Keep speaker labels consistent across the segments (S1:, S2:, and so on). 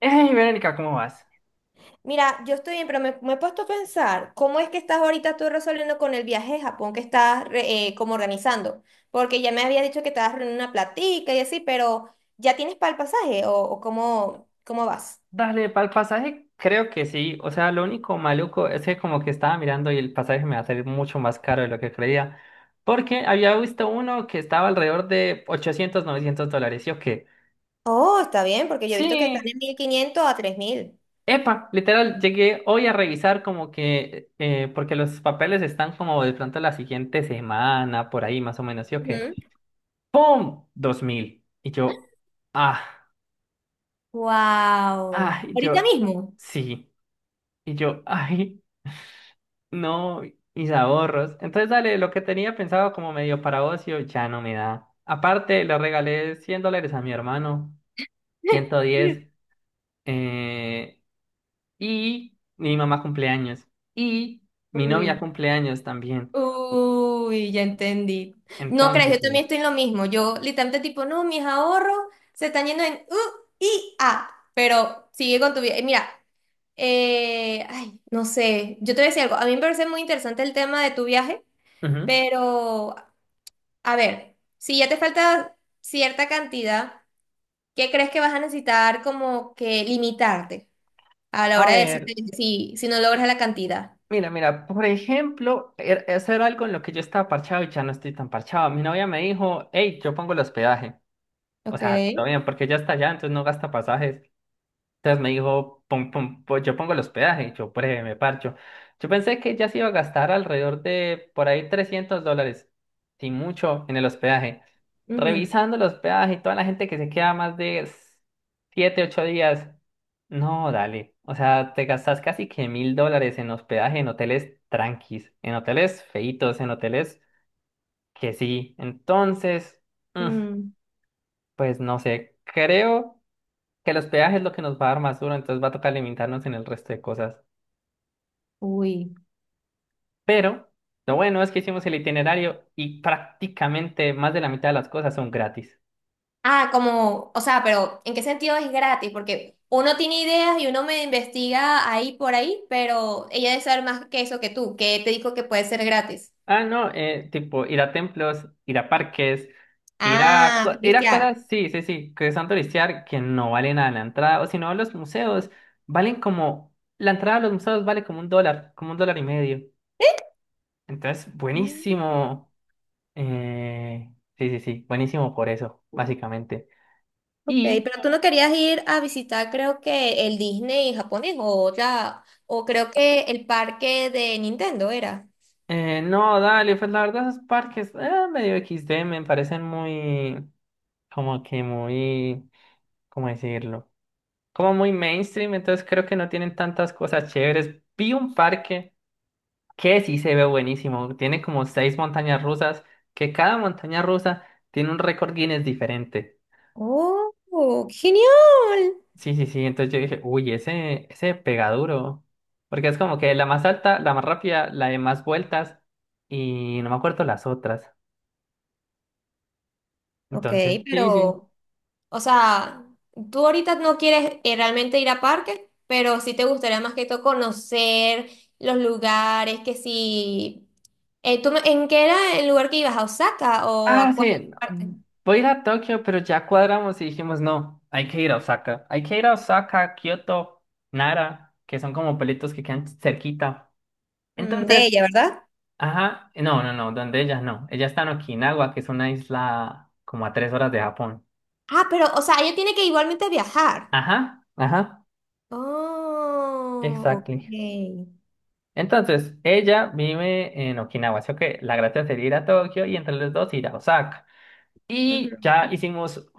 S1: Hey, Verónica, ¿cómo vas?
S2: Mira, yo estoy bien, pero me he puesto a pensar, ¿cómo es que estás ahorita tú resolviendo con el viaje a Japón que estás como organizando? Porque ya me había dicho que estabas reuniendo una platica y así, pero ¿ya tienes para el pasaje o cómo vas?
S1: Dale, para el pasaje creo que sí. O sea, lo único maluco es que como que estaba mirando y el pasaje me va a salir mucho más caro de lo que creía. Porque había visto uno que estaba alrededor de ochocientos, novecientos dólares. ¿Yo qué?
S2: Oh, está bien, porque yo he visto que están
S1: Sí.
S2: en 1500 a 3000.
S1: Epa, literal, llegué hoy a revisar como que, porque los papeles están como de pronto la siguiente semana, por ahí más o menos. ¿Yo qué?
S2: Ujú.
S1: ¡Pum! 2000. Y yo, ah, ah,
S2: Wow.
S1: y
S2: Ahorita
S1: yo,
S2: mismo.
S1: sí. Y yo, ay. No, mis ahorros. Entonces, dale, lo que tenía pensado como medio para ocio ya no me da. Aparte, le regalé $100 a mi hermano, 110, eh, y mi mamá cumpleaños, y mi
S2: Uy.
S1: novia cumpleaños también.
S2: Uy, ya entendí. No crees,
S1: Entonces,
S2: yo también estoy en lo mismo. Yo literalmente tipo, no, mis ahorros se están yendo en U y A. Pero sigue con tu vida. Mira, ay, no sé. Yo te voy a decir algo. A mí me parece muy interesante el tema de tu viaje,
S1: ujú.
S2: pero a ver, si ya te falta cierta cantidad, ¿qué crees que vas a necesitar como que limitarte a la
S1: A
S2: hora de decir
S1: ver,
S2: si no logras la cantidad?
S1: mira, mira, por ejemplo, eso era algo en lo que yo estaba parchado y ya no estoy tan parchado. Mi novia me dijo, hey, yo pongo el hospedaje. O
S2: Ok.
S1: sea, todo bien, porque ya está allá, entonces no gasta pasajes. Entonces me dijo, yo pongo el hospedaje, yo breve, me parcho. Yo pensé que ya se iba a gastar alrededor de por ahí $300, sin mucho, en el hospedaje.
S2: Ujú.
S1: Revisando el hospedaje y toda la gente que se queda más de 7, 8 días, no, dale. O sea, te gastas casi que $1000 en hospedaje, en hoteles tranquis, en hoteles feitos, en hoteles que sí. Entonces, mm,
S2: Mm.
S1: pues no sé, creo que los peajes es lo que nos va a dar más duro, entonces va a tocar limitarnos en el resto de cosas.
S2: Uy.
S1: Pero lo bueno es que hicimos el itinerario y prácticamente más de la mitad de las cosas son gratis.
S2: Ah, como, o sea, pero ¿en qué sentido es gratis? Porque uno tiene ideas y uno me investiga ahí por ahí, pero ella debe saber más que eso que tú, que te dijo que puede ser gratis.
S1: Ah, no, tipo ir a templos, ir a parques, ir a,
S2: Ah,
S1: ir a
S2: turistear.
S1: cosas, sí, sí, sí, que son turistear, que no valen nada la entrada, o si no, los museos valen como, la entrada a los museos vale como un dólar y medio. Entonces,
S2: Mm,
S1: buenísimo. Eh, sí, sí, sí, buenísimo por eso, básicamente.
S2: ok,
S1: y
S2: pero tú no querías ir a visitar, creo que el Disney japonés o ya, o creo que el parque de Nintendo era.
S1: Eh, no, dale, pues la verdad esos parques medio XD me parecen muy, como que muy, ¿cómo decirlo? Como muy mainstream, entonces creo que no tienen tantas cosas chéveres. Vi un parque que sí se ve buenísimo, tiene como seis montañas rusas, que cada montaña rusa tiene un récord Guinness diferente.
S2: Oh, genial.
S1: Sí, sí, sí, entonces yo dije, uy, ese pega duro, porque es como que la más alta, la más rápida, la de más vueltas y no me acuerdo las otras.
S2: Ok,
S1: Entonces, sí, sí.
S2: pero o sea, tú ahorita no quieres realmente ir a parques, pero sí te gustaría más que todo conocer los lugares, que si... En qué era el lugar que ibas? ¿A Osaka o
S1: Ah,
S2: a cuál
S1: sí,
S2: parte?
S1: no, voy a ir a Tokio, pero ya cuadramos y dijimos, no, hay que ir a Osaka. Hay que ir a Osaka, Kioto, Nara, que son como pueblitos que quedan cerquita. Entonces,
S2: De ella, ¿verdad?
S1: ajá, no, no, no, donde ella no. Ella está en Okinawa, que es una isla como a 3 horas de Japón.
S2: Ah, pero, o sea, ella tiene que igualmente viajar.
S1: Ajá, ajá,
S2: Oh,
S1: exactly.
S2: ok.
S1: Entonces, ella vive en Okinawa, así que la gracia sería ir a Tokio y entre los dos ir a Osaka. Y
S2: Ujú.
S1: ya hicimos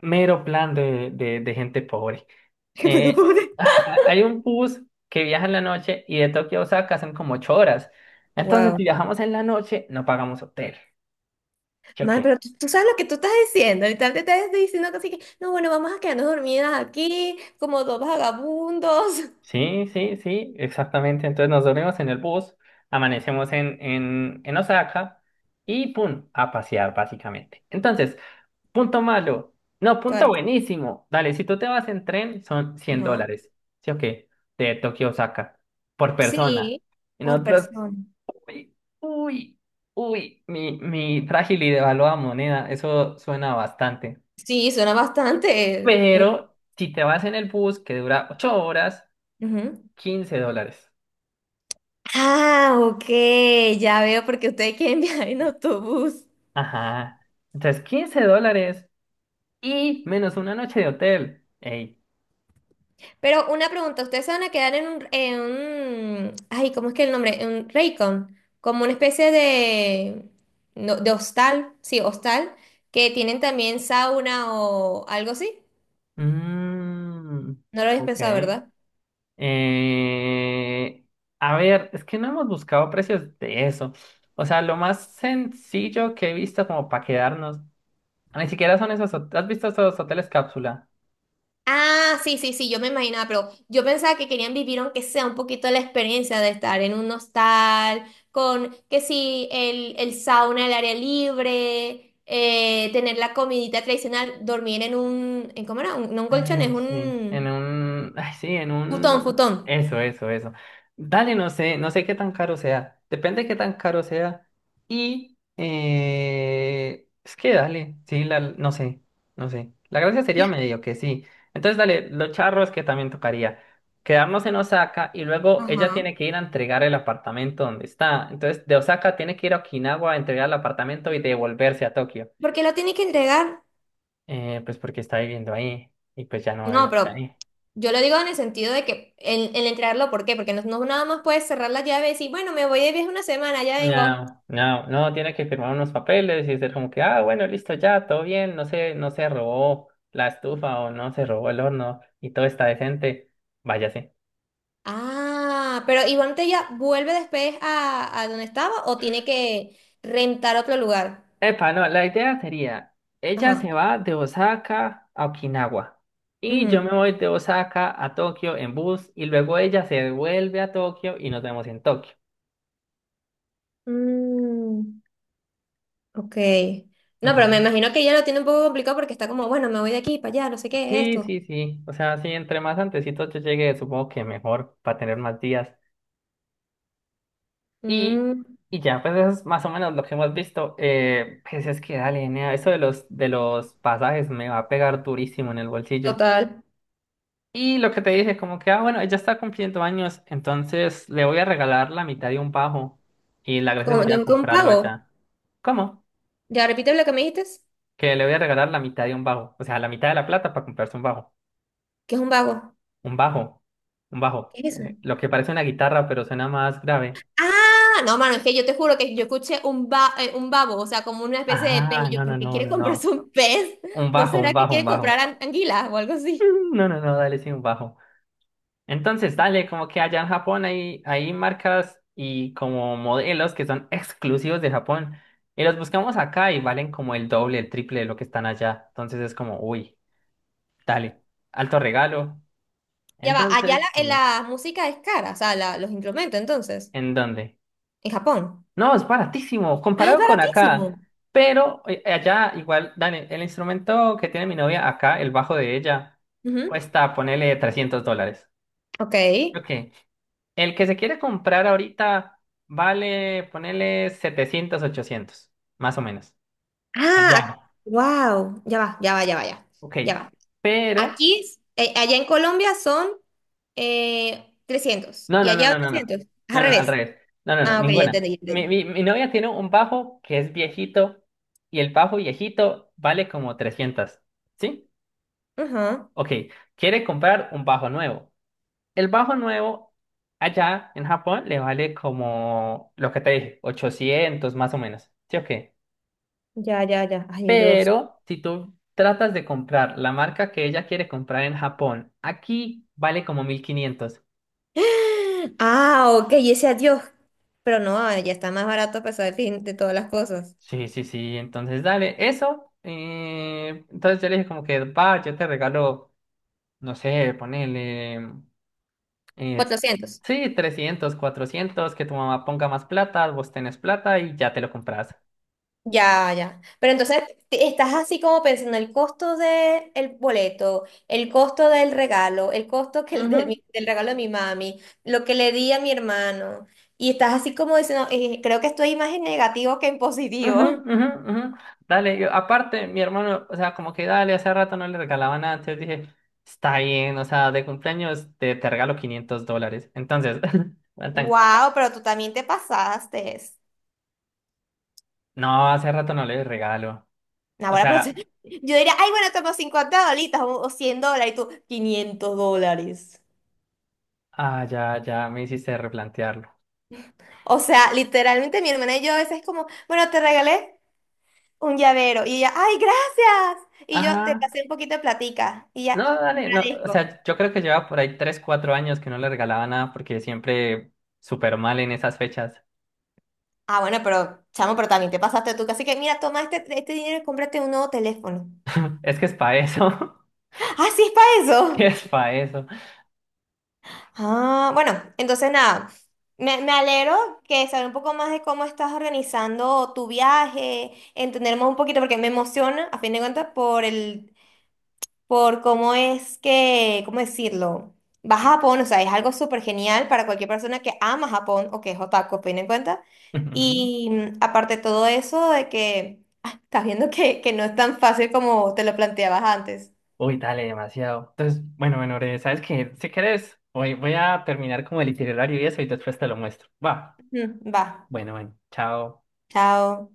S1: mero plan de gente pobre.
S2: Pero
S1: Eh,
S2: pobre.
S1: ah, hay un bus que viaja en la noche y de Tokio a Osaka son como 8 horas. Entonces,
S2: Wow.
S1: si viajamos en la noche, no pagamos hotel. ¿Yo
S2: Man,
S1: qué?
S2: pero tú sabes lo que tú estás diciendo. Ahorita te estás diciendo que así que, no, bueno, vamos a quedarnos dormidas aquí como dos vagabundos.
S1: Sí, sí, sí, exactamente. Entonces nos dormimos en el bus, amanecemos en Osaka y ¡pum! A pasear básicamente. Entonces, punto malo. No, punto buenísimo. Dale, si tú te vas en tren, son cien
S2: Ajá.
S1: dólares. ¿Sí o qué? De Tokio a Osaka por persona.
S2: Sí,
S1: Y
S2: por
S1: nosotros.
S2: persona.
S1: Uy, uy, uy, mi frágil y devaluada moneda, eso suena bastante.
S2: Sí, suena bastante. Mm,
S1: Pero si te vas en el bus que dura 8 horas,
S2: ujú.
S1: $15.
S2: Ah, ok, ya veo porque ustedes quieren viajar en autobús.
S1: Ajá. Entonces, $15 y menos una noche de hotel. Ey.
S2: Pero una pregunta, ¿ustedes se van a quedar en ay, ¿cómo es que el nombre? En un Raycon, como una especie de, no, de hostal, sí, hostal, que tienen también sauna o algo así.
S1: Mm,
S2: No lo habéis
S1: ok.
S2: pensado, ¿verdad?
S1: Eh, a ver, es que no hemos buscado precios de eso. O sea, lo más sencillo que he visto como para quedarnos, ni siquiera son esos. ¿Has visto esos hoteles cápsula?
S2: Ah, sí, sí, sí, yo me imaginaba, pero yo pensaba que querían vivir aunque sea un poquito la experiencia de estar en un hostal, con que sí, el sauna, el área libre, tener la comidita tradicional, dormir en ¿cómo era? No un colchón, es
S1: Ay, sí, en
S2: un
S1: un, ay, sí, en
S2: futón,
S1: un,
S2: futón.
S1: eso, eso, eso. Dale, no sé, no sé qué tan caro sea, depende de qué tan caro sea y es que dale, sí, la. No sé, no sé. La gracia sería medio que sí. Entonces, dale, los charros que también tocaría. Quedarnos en Osaka y luego ella
S2: Ajá.
S1: tiene que ir a entregar el apartamento donde está. Entonces, de Osaka tiene que ir a Okinawa a entregar el apartamento y devolverse a Tokio,
S2: ¿Por qué lo tiene que entregar?
S1: pues porque está viviendo ahí y pues ya no va a
S2: No,
S1: vivir
S2: pero
S1: ahí.
S2: yo lo digo en el sentido de que el entregarlo, ¿por qué? Porque no, no nada más puedes cerrar la llave y decir, bueno, me voy de viaje una semana, ya vengo.
S1: No, no, no, tiene que firmar unos papeles y ser como que, ah, bueno, listo, ya, todo bien, no se robó la estufa o no se robó el horno y todo está decente, váyase.
S2: Ah, pero Iván Tella vuelve después a donde estaba o tiene que rentar otro lugar.
S1: Epa, no, la idea sería, ella se
S2: Ajá.
S1: va de Osaka a Okinawa y yo me
S2: Ujú.
S1: voy de Osaka a Tokio en bus y luego ella se vuelve a Tokio y nos vemos en Tokio.
S2: Mm, ok. No, pero me
S1: Ujú.
S2: imagino que ella lo tiene un poco complicado porque está como, bueno, me voy de aquí para allá, no sé qué es
S1: Sí,
S2: esto.
S1: sí, sí, o sea, sí, entre más antecitos yo llegue, supongo que mejor, para tener más días. Y,
S2: Mm,
S1: y ya, pues eso es más o menos lo que hemos visto. Pues es que dale, nea, eso de los pasajes me va a pegar durísimo en el bolsillo.
S2: Total.
S1: Y lo que te dije, como que, ah, bueno, ella está cumpliendo años, entonces le voy a regalar la mitad de un bajo. Y la gracia
S2: Como
S1: sería
S2: tengo que un
S1: comprarlo
S2: vago.
S1: allá. ¿Cómo?
S2: Ya repite lo que me dijiste,
S1: Que le voy a regalar la mitad de un bajo. O sea, la mitad de la plata para comprarse un bajo.
S2: que es un vago.
S1: Un bajo. Un bajo.
S2: ¿Qué es eso?
S1: Lo que parece una guitarra, pero suena más grave.
S2: Ah, no, mano, es que yo te juro que yo escuché un babo, o sea, como una especie de pez.
S1: Ah,
S2: Y yo,
S1: no, no,
S2: ¿por qué
S1: no,
S2: quiere
S1: no,
S2: comprarse
S1: no.
S2: un pez?
S1: Un
S2: ¿No
S1: bajo, un
S2: será que
S1: bajo, un
S2: quiere
S1: bajo.
S2: comprar anguilas o algo así?
S1: No, no, no, dale sin bajo. Entonces, dale, como que allá en Japón hay marcas y como modelos que son exclusivos de Japón. Y los buscamos acá y valen como el doble, el triple de lo que están allá. Entonces es como, uy, dale, alto regalo.
S2: Ya va, allá
S1: Entonces, sí,
S2: la música es cara, o sea, los instrumentos, entonces,
S1: ¿en dónde?
S2: en Japón.
S1: No, es baratísimo,
S2: Ah, es
S1: comparado con acá.
S2: baratísimo.
S1: Pero allá, igual, dale, el instrumento que tiene mi novia acá, el bajo de ella,
S2: Ujú.
S1: cuesta, ponele $300.
S2: Ok.
S1: Ok. El que se quiere comprar ahorita vale, ponele 700 800 más o menos. Allá.
S2: Ah, wow. Ya va, ya va, ya va, ya.
S1: Ok.
S2: Ya va.
S1: Pero,
S2: Aquí, allá en Colombia son 300
S1: no,
S2: y
S1: no, no,
S2: allá
S1: no, no, no.
S2: 800. Es
S1: No,
S2: al
S1: no, al
S2: revés.
S1: revés. No, no, no,
S2: Ah, ok, ya
S1: ninguna.
S2: entendí, ya
S1: Mi,
S2: entendí.
S1: mi, mi novia tiene un bajo que es viejito y el bajo viejito vale como 300. ¿Sí?
S2: Ujú.
S1: Ok. Quiere comprar un bajo nuevo. El bajo nuevo allá en Japón le vale como lo que te dije, 800 más o menos. ¿Sí o qué?
S2: Ya, ya, ya. Ay, yo.
S1: Pero si tú tratas de comprar la marca que ella quiere comprar en Japón, aquí vale como 1500.
S2: Ah, ok, y ese adiós. Pero no, ah, ya está más barato a pesar de, fin, de todas las cosas.
S1: Sí, sí, sí, entonces dale, eso. Entonces yo le dije como que, va, yo te regalo, no sé, ponele, eh,
S2: 400.
S1: sí, 300, 400, que tu mamá ponga más plata, vos tenés plata y ya te lo compras.
S2: Ya, ya. Pero entonces estás así como pensando el costo del boleto, el costo del regalo, el costo que el de
S1: Ujú.
S2: del regalo de mi mami, lo que le di a mi hermano. Y estás así como diciendo: Creo que estoy más en negativo que en positivo."
S1: Ujú, ujú, ujú. Dale, yo, aparte, mi hermano, o sea, como que dale, hace rato no le regalaba nada, entonces dije, está bien, o sea, de cumpleaños te regalo $500. Entonces, Nathan,
S2: Wow, pero tú también te pasaste.
S1: no, hace rato no le regalo. O
S2: Ahora, pero
S1: sea,
S2: yo diría, ay, bueno, toma 50 dolitas o $100 y tú, $500.
S1: ah, ya me hiciste replantearlo.
S2: O sea, literalmente mi hermana y yo a veces es como, bueno, te regalé un llavero. Y ella, ay, gracias. Y yo, te
S1: Ajá,
S2: pasé un poquito de platica. Y ella,
S1: no,
S2: te
S1: dale, no, o
S2: agradezco.
S1: sea, yo creo que lleva por ahí 3 4 años que no le regalaba nada porque siempre súper mal en esas fechas.
S2: Ah, bueno, pero, chamo, pero también te pasaste tú. Así que, mira, toma este dinero y cómprate un nuevo teléfono.
S1: Es que es para eso,
S2: Ah, sí, es para eso.
S1: es para eso.
S2: Ah, bueno, entonces nada, me alegro que saber un poco más de cómo estás organizando tu viaje, entendernos un poquito, porque me emociona, a fin de cuentas, por el, por cómo es que, ¿cómo decirlo? Va a Japón, o sea, es algo súper genial para cualquier persona que ama Japón o que es otaku, a fin de cuentas. Y aparte de todo eso, de que estás viendo que no es tan fácil como te lo planteabas antes.
S1: Uy, dale, demasiado. Entonces, bueno, bueno, Ore, ¿sabes qué? Si querés, voy a terminar como el itinerario y eso y después te lo muestro. Va.
S2: Ujú, va,
S1: Bueno, bueno, chao.
S2: chao.